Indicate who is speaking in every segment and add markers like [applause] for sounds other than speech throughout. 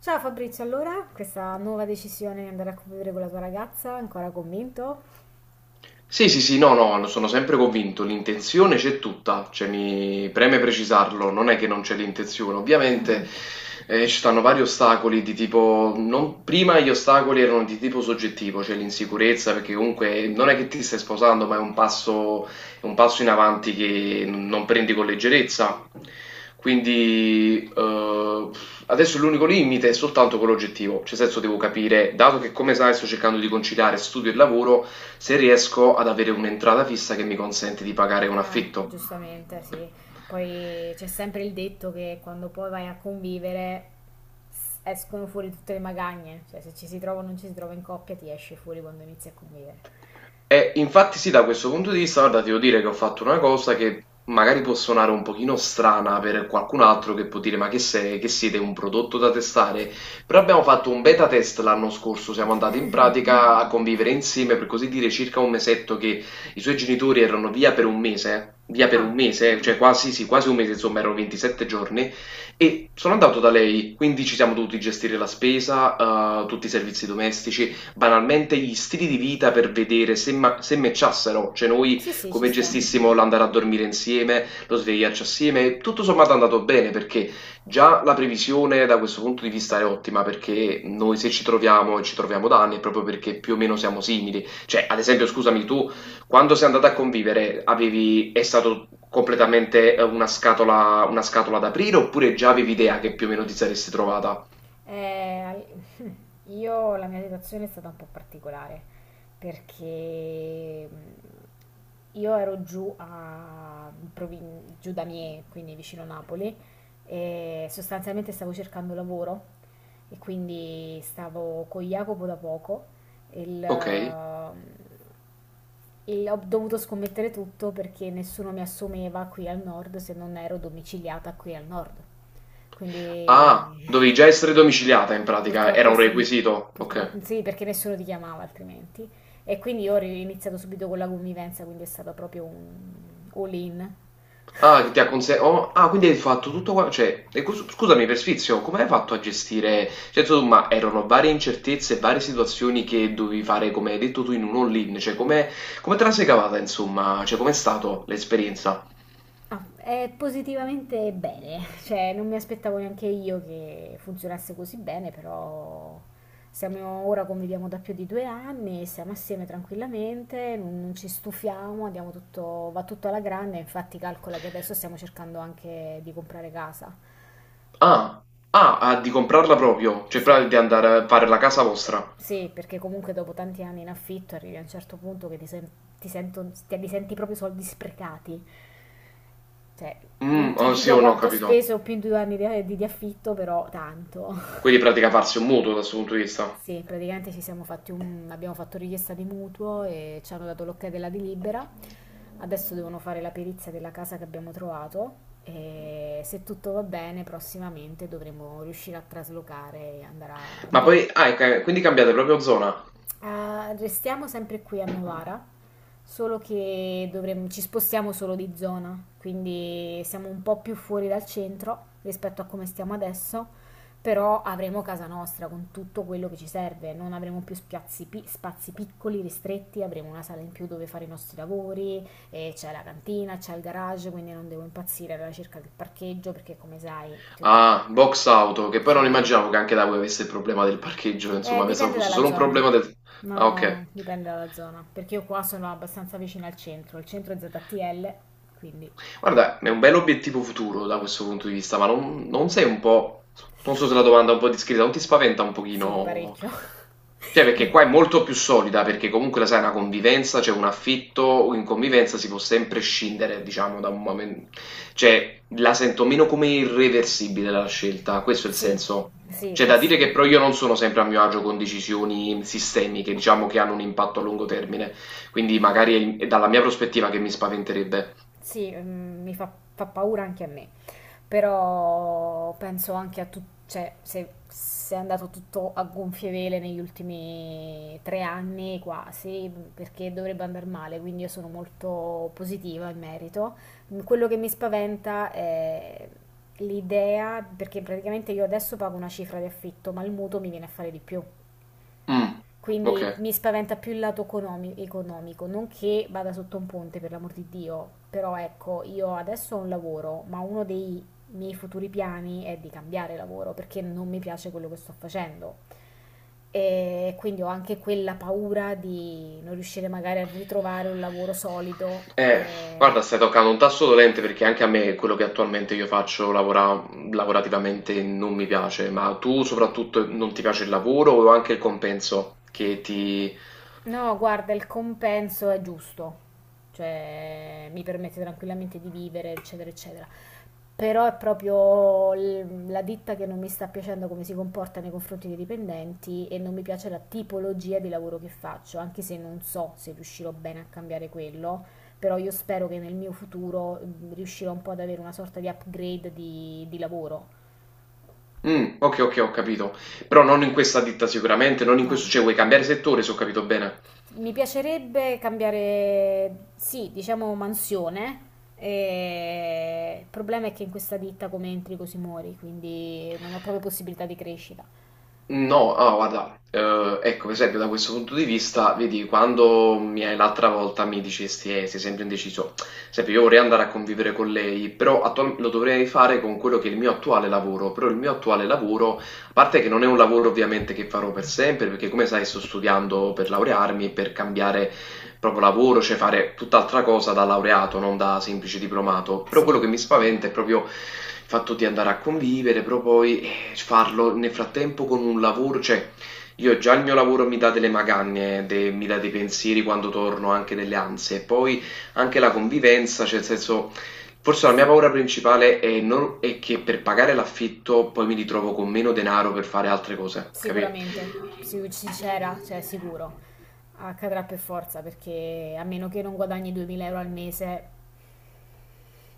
Speaker 1: Ciao Fabrizio, allora, questa nuova decisione di andare a convivere con la tua ragazza, ancora convinto?
Speaker 2: Sì, sì, sì, no, no, sono sempre convinto, l'intenzione c'è tutta, cioè mi preme precisarlo, non è che non c'è l'intenzione, ovviamente ci stanno vari ostacoli di tipo, prima gli ostacoli erano di tipo soggettivo, cioè l'insicurezza, perché comunque non è che ti stai sposando, ma è un passo in avanti che non prendi con leggerezza. Quindi adesso l'unico limite è soltanto quello oggettivo, cioè nel senso devo capire, dato che come sai sto cercando di conciliare studio e lavoro, se riesco ad avere un'entrata fissa che mi consente di pagare un
Speaker 1: Ah,
Speaker 2: affitto.
Speaker 1: giustamente, sì. Poi c'è sempre il detto che quando poi vai a convivere escono fuori tutte le magagne, cioè se ci si trova o non ci si trova in coppia ti esce fuori quando inizi a convivere.
Speaker 2: E infatti sì, da questo punto di vista, guarda, ti devo dire che ho fatto una cosa che magari può suonare un pochino strana per qualcun altro che può dire ma che sei, che siete un prodotto da testare, però abbiamo fatto un beta test l'anno scorso, siamo andati in pratica a convivere insieme per così dire circa un mesetto che i suoi genitori erano via per un mese, via per un
Speaker 1: Ah,
Speaker 2: mese, cioè quasi, sì, quasi un mese, insomma erano 27 giorni e sono andato da lei, quindi ci siamo dovuti gestire la spesa, tutti i servizi domestici, banalmente gli stili di vita per vedere se, se matchassero, cioè noi
Speaker 1: sì, sì, ci
Speaker 2: come
Speaker 1: sta.
Speaker 2: gestissimo l'andare a dormire insieme, lo svegliarci assieme, tutto sommato è andato bene perché già la previsione da questo punto di vista è ottima perché noi se ci troviamo e ci troviamo da anni è proprio perché più o meno siamo simili, cioè ad esempio scusami tu quando sei andata a convivere avevi, è stato completamente una scatola ad aprire oppure già avevi idea che più o meno ti saresti trovata?
Speaker 1: Eh, al- [laughs] io la mia situazione è stata un po' particolare perché io ero giù, a, giù da Mie, quindi vicino Napoli, e sostanzialmente stavo cercando lavoro e quindi stavo con Jacopo da poco e il,
Speaker 2: Ok.
Speaker 1: mm, e ho dovuto scommettere tutto perché nessuno mi assumeva qui al nord se non ero domiciliata qui al nord.
Speaker 2: Ah,
Speaker 1: Quindi... [laughs]
Speaker 2: dovevi già essere domiciliata in pratica, era
Speaker 1: Purtroppo
Speaker 2: un
Speaker 1: sì,
Speaker 2: requisito,
Speaker 1: purtroppo
Speaker 2: ok.
Speaker 1: sì, perché nessuno ti chiamava altrimenti. E quindi io ho iniziato subito con la convivenza, quindi è stato proprio un all-in.
Speaker 2: Ah, che ti ha conse- oh, ah, quindi hai fatto tutto qua, cioè, scusami per sfizio, come hai fatto a gestire, cioè, insomma, erano varie incertezze, varie situazioni che dovevi fare, come hai detto tu, in un all-in, cioè, come, come te la sei cavata, insomma, cioè, com'è stata l'esperienza?
Speaker 1: Ah, è positivamente bene, [laughs] cioè non mi aspettavo neanche io che funzionasse così bene, però siamo ora conviviamo da più di due anni, siamo assieme tranquillamente, non ci stufiamo, andiamo tutto, va tutto alla grande, infatti calcola che adesso stiamo cercando anche di comprare casa.
Speaker 2: Ah, ah, ah, di comprarla proprio, cioè,
Speaker 1: Sì.
Speaker 2: proprio di andare a fare la casa vostra.
Speaker 1: Sì, perché comunque dopo tanti anni in affitto arrivi a un certo punto che ti, sen- ti, sento- ti- li senti proprio i soldi sprecati. Cioè, non
Speaker 2: Mm,
Speaker 1: ti
Speaker 2: oh, sì
Speaker 1: dico
Speaker 2: o no,
Speaker 1: quanto ho
Speaker 2: capito.
Speaker 1: speso più in due anni di affitto, però tanto. [laughs]
Speaker 2: Quindi, in pratica, farsi un mutuo da questo punto di vista.
Speaker 1: Sì, praticamente ci siamo fatti un, abbiamo fatto richiesta di mutuo e ci hanno dato l'ok della delibera. Adesso devono fare la perizia della casa che abbiamo trovato e se tutto va bene prossimamente dovremo riuscire a traslocare e andare a
Speaker 2: Ma
Speaker 1: vivere.
Speaker 2: poi, ah, quindi cambiate proprio zona?
Speaker 1: Restiamo sempre qui a Novara, solo che ci spostiamo solo di zona, quindi siamo un po' più fuori dal centro rispetto a come stiamo adesso, però avremo casa nostra con tutto quello che ci serve, non avremo più spazi piccoli, ristretti, avremo una sala in più dove fare i nostri lavori, e c'è la cantina, c'è il garage, quindi non devo impazzire alla ricerca del parcheggio perché come sai, ti ho detto,
Speaker 2: Ah, box auto, che poi non
Speaker 1: se-
Speaker 2: immaginavo che anche da voi avesse il problema del parcheggio, insomma, pensavo
Speaker 1: dipende
Speaker 2: fosse
Speaker 1: dalla
Speaker 2: solo un
Speaker 1: zona.
Speaker 2: problema del... Ah,
Speaker 1: No,
Speaker 2: ok.
Speaker 1: dipende dalla zona, perché io qua sono abbastanza vicina al centro, il centro è ZTL, quindi
Speaker 2: Guarda, è un bell'obiettivo futuro da questo punto di vista, ma non, non sei un po', non so se la domanda è un po' discreta, non ti spaventa un
Speaker 1: sì,
Speaker 2: pochino?
Speaker 1: parecchio.
Speaker 2: Cioè,
Speaker 1: [laughs]
Speaker 2: perché
Speaker 1: Mi-
Speaker 2: qua è molto più solida, perché comunque la sai, è una convivenza, c'è un affitto, in convivenza si può sempre scindere, diciamo, da un momento. Cioè, la sento meno come irreversibile la scelta, questo è il
Speaker 1: Sì,
Speaker 2: senso.
Speaker 1: sì,
Speaker 2: C'è
Speaker 1: fa,
Speaker 2: da
Speaker 1: s-
Speaker 2: dire che però io non sono sempre a mio agio con decisioni sistemiche, diciamo, che hanno un impatto a lungo termine. Quindi magari è dalla mia prospettiva che mi spaventerebbe.
Speaker 1: sì, mm, mi fa, Fa paura anche a me. Però penso anche a tutto, cioè se è andato tutto a gonfie vele negli ultimi tre anni quasi, perché dovrebbe andare male, quindi io sono molto positiva in merito. Quello che mi spaventa è l'idea, perché praticamente io adesso pago una cifra di affitto, ma il mutuo mi viene a fare di più.
Speaker 2: Mh,
Speaker 1: Quindi
Speaker 2: okay.
Speaker 1: mi spaventa più il economico, non che vada sotto un ponte, per l'amor di Dio, però ecco, io adesso ho un lavoro, ma uno dei miei futuri piani è di cambiare lavoro perché non mi piace quello che sto facendo. E quindi ho anche quella paura di non riuscire magari a ritrovare un lavoro solido.
Speaker 2: Eh,
Speaker 1: E-
Speaker 2: guarda, stai toccando un tasto dolente perché anche a me quello che attualmente io faccio lavorativamente non mi piace, ma tu soprattutto non ti piace il lavoro o anche il compenso che ti
Speaker 1: No, guarda, il compenso è giusto, cioè mi permette tranquillamente di vivere, eccetera, eccetera. Però è proprio la ditta che non mi sta piacendo come si comporta nei confronti dei dipendenti e non mi piace la tipologia di lavoro che faccio, anche se non so se riuscirò bene a cambiare quello, però io spero che nel mio futuro riuscirò un po' ad avere una sorta di upgrade di lavoro.
Speaker 2: okay, okay, ho capito. Però non in questa ditta sicuramente, non in
Speaker 1: No.
Speaker 2: questo cioè vuoi cambiare settore se ho capito bene.
Speaker 1: Mi piacerebbe cambiare, sì, diciamo mansione. Il problema è che in questa ditta come entri così muori, quindi non ho proprio possibilità di crescita.
Speaker 2: No, ah, guarda, ecco, per esempio da questo punto di vista, vedi, quando mi hai l'altra volta mi dicesti, sei sempre indeciso, sempre io vorrei andare a convivere con lei, però lo dovrei fare con quello che è il mio attuale lavoro, però il mio attuale lavoro, a parte che non è un lavoro ovviamente che farò per sempre, perché come sai sto studiando per laurearmi, e per cambiare proprio lavoro, cioè fare tutt'altra cosa da laureato, non da semplice diplomato. Però
Speaker 1: Sì.
Speaker 2: quello che mi spaventa è proprio il fatto di andare a convivere, però poi farlo nel frattempo con un lavoro, cioè io già il mio lavoro mi dà delle magagne, mi dà dei pensieri quando torno, anche delle ansie, poi anche la convivenza, cioè nel senso... Forse la mia paura principale è, è che per pagare l'affitto poi mi ritrovo con meno denaro per fare altre cose, capito?
Speaker 1: Sicuramente, sincera, cioè sicuro, accadrà per forza perché a meno che non guadagni 2000 euro al mese,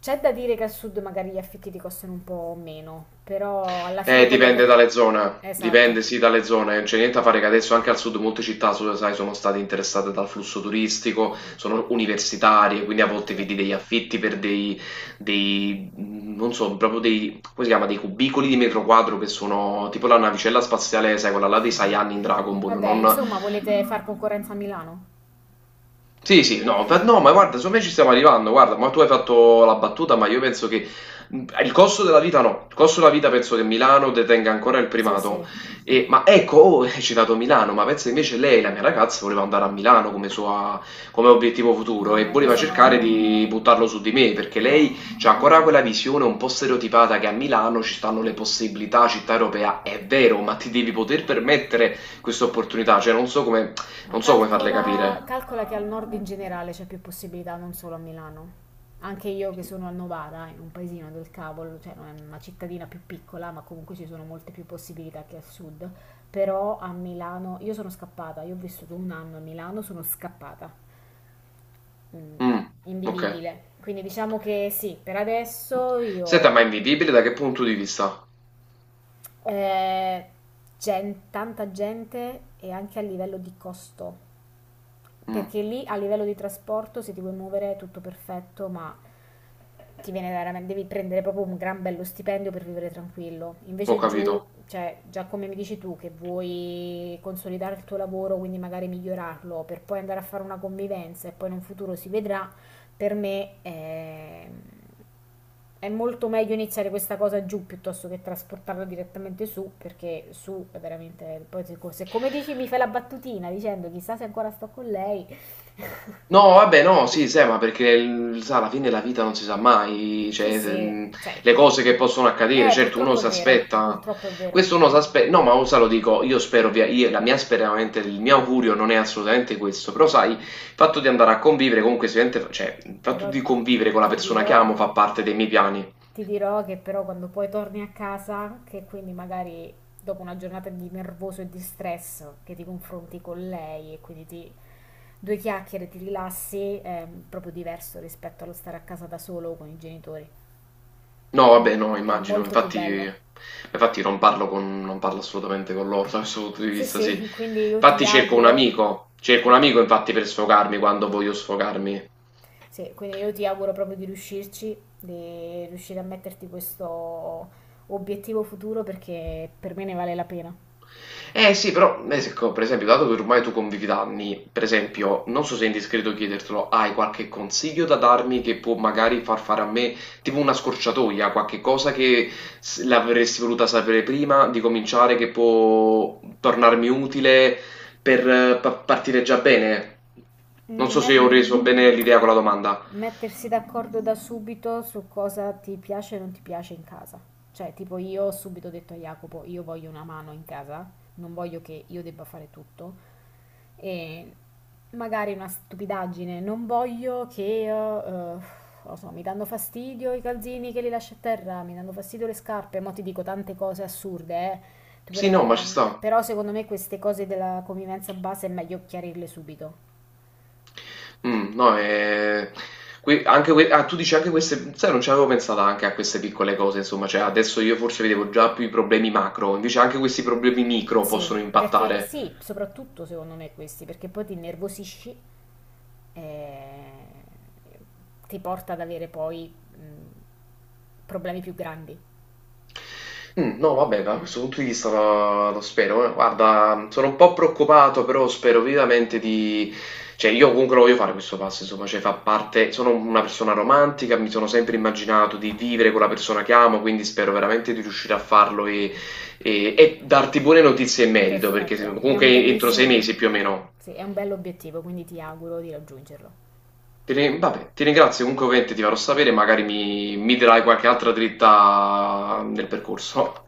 Speaker 1: c'è da dire che al sud magari gli affitti ti costano un po' meno, però alla fine quello che...
Speaker 2: Dipende dalle zone,
Speaker 1: Esatto,
Speaker 2: dipende sì dalle zone, non c'è niente da fare che adesso anche al sud molte città, sai, sono state interessate dal flusso turistico, sono universitarie, quindi a volte
Speaker 1: sì.
Speaker 2: vedi degli affitti per dei, dei, non so, proprio dei, come si chiama, dei cubicoli di metro quadro che sono tipo la navicella spaziale, sai, quella là dei Saiyan in Dragon
Speaker 1: [laughs]
Speaker 2: Ball,
Speaker 1: Vabbè,
Speaker 2: non,
Speaker 1: insomma, volete far concorrenza a Milano?
Speaker 2: sì, sì, no, ma no, ma guarda, secondo me ci stiamo arrivando, guarda, ma tu hai fatto la battuta, ma io penso che il costo della vita no, il costo della vita penso che Milano detenga ancora il
Speaker 1: Sì,
Speaker 2: primato,
Speaker 1: sì,
Speaker 2: E- ma ecco, oh, [laughs] hai citato Milano, ma penso invece lei, la mia ragazza, voleva andare a Milano come, come obiettivo futuro e
Speaker 1: mamma, io
Speaker 2: voleva cercare
Speaker 1: sono...
Speaker 2: di buttarlo su di me, perché lei
Speaker 1: No.
Speaker 2: c'ha ancora quella visione un po' stereotipata che a Milano ci stanno le possibilità, città europea, è vero, ma ti devi poter permettere questa opportunità, cioè non so come
Speaker 1: No,
Speaker 2: non so come farle
Speaker 1: calcola,
Speaker 2: capire.
Speaker 1: calcola che al nord in generale c'è più possibilità, non solo a Milano. Anche io che sono a Novara, in un paesino del cavolo, cioè non è una cittadina più piccola, ma comunque ci sono molte più possibilità che al sud. Però a Milano, io ho vissuto un anno a Milano, sono scappata, mm,
Speaker 2: Mm, ok.
Speaker 1: invivibile. Quindi diciamo che sì, per adesso
Speaker 2: Senta, ma è
Speaker 1: io...
Speaker 2: invivibile da che punto di vista?
Speaker 1: eh, tanta gente e anche a livello di costo.
Speaker 2: Mm,
Speaker 1: Perché lì a livello di trasporto, se ti vuoi muovere, è tutto perfetto, ma ti viene veramente, devi prendere proprio un gran bello stipendio per vivere tranquillo.
Speaker 2: ho
Speaker 1: Invece
Speaker 2: capito.
Speaker 1: giù, cioè, già come mi dici tu, che vuoi consolidare il tuo lavoro, quindi magari migliorarlo, per poi andare a fare una convivenza e poi in un futuro si vedrà, per me è, è molto meglio iniziare questa cosa giù piuttosto che trasportarla direttamente su, perché su è veramente... Poi se come dici mi fai la battutina dicendo chissà se ancora sto con lei,
Speaker 2: No, vabbè, no, sì, sai, ma perché il- sa, alla fine la vita non si sa mai,
Speaker 1: sì,
Speaker 2: cioè,
Speaker 1: sì, cioè,
Speaker 2: le cose che possono accadere, certo uno si aspetta,
Speaker 1: purtroppo è vero,
Speaker 2: questo uno si aspetta, no, ma sa, lo dico, io spero, via, io- la mia speranza, il mio augurio non è assolutamente questo, però sai, il fatto di andare a convivere comunque, sicuramente, cioè, il fatto
Speaker 1: però
Speaker 2: di convivere con la
Speaker 1: ti
Speaker 2: persona che
Speaker 1: dirò,
Speaker 2: amo fa parte dei miei piani.
Speaker 1: ti dirò che però quando poi torni a casa, che quindi magari dopo una giornata di nervoso e di stress, che ti confronti con lei e quindi ti, due chiacchiere, ti rilassi, è proprio diverso rispetto allo stare a casa da solo con i genitori.
Speaker 2: No,
Speaker 1: È,
Speaker 2: vabbè, no,
Speaker 1: è
Speaker 2: immagino,
Speaker 1: molto più
Speaker 2: infatti,
Speaker 1: bello.
Speaker 2: infatti non parlo assolutamente con loro [laughs] da questo punto di
Speaker 1: Sì,
Speaker 2: vista, sì.
Speaker 1: sì, [laughs] quindi
Speaker 2: Infatti cerco un amico, cerco un amico infatti per sfogarmi quando voglio sfogarmi.
Speaker 1: sì, quindi io ti auguro proprio di riuscirci, di riuscire a metterti questo obiettivo futuro perché per me ne vale la pena.
Speaker 2: Eh sì, però, se co- per esempio, dato che ormai tu convivi da anni, per esempio, non so se è indiscreto chiedertelo, hai qualche consiglio da darmi che può magari far fare a me tipo una scorciatoia, qualche cosa che l'avresti voluta sapere prima di cominciare, che può tornarmi utile per partire già bene? Non
Speaker 1: Mm,
Speaker 2: so se
Speaker 1: met-
Speaker 2: ho reso bene l'idea con la domanda.
Speaker 1: Mettersi d'accordo da subito su cosa ti piace e non ti piace in casa. Cioè, tipo io ho subito detto a Jacopo, io voglio una mano in casa, non voglio che io debba fare tutto. E magari una stupidaggine, non voglio che, non lo so, mi danno fastidio i calzini che li lascio a terra, mi danno fastidio le scarpe, mo ti dico tante cose assurde, eh.
Speaker 2: Sì, no, ma ci sta.
Speaker 1: Però secondo me queste cose della convivenza base è meglio chiarirle subito.
Speaker 2: No, que anche que ah, tu dici anche queste sai, non ci avevo pensato anche a queste piccole cose, insomma, cioè adesso io forse vedevo già più i problemi macro, invece anche questi problemi micro
Speaker 1: Sì,
Speaker 2: possono
Speaker 1: perché
Speaker 2: impattare.
Speaker 1: sì, soprattutto secondo me questi, perché poi ti innervosisci e ti porta ad avere poi problemi più grandi.
Speaker 2: No vabbè, da questo punto di vista lo spero, eh. Guarda, sono un po' preoccupato, però spero vivamente di cioè io comunque lo voglio fare questo passo, insomma, cioè fa parte sono una persona romantica, mi sono sempre immaginato di vivere con la persona che amo, quindi spero veramente di riuscire a farlo e darti buone notizie in merito, perché
Speaker 1: Perfetto,
Speaker 2: se
Speaker 1: dai, è
Speaker 2: comunque
Speaker 1: un
Speaker 2: entro
Speaker 1: bellissimo,
Speaker 2: 6
Speaker 1: obie-
Speaker 2: mesi più o meno.
Speaker 1: sì, è un bell'obiettivo, quindi ti auguro di raggiungerlo.
Speaker 2: Ti ri vabbè, ti ringrazio, comunque ovviamente ti farò sapere, magari mi dirai qualche altra dritta nel percorso.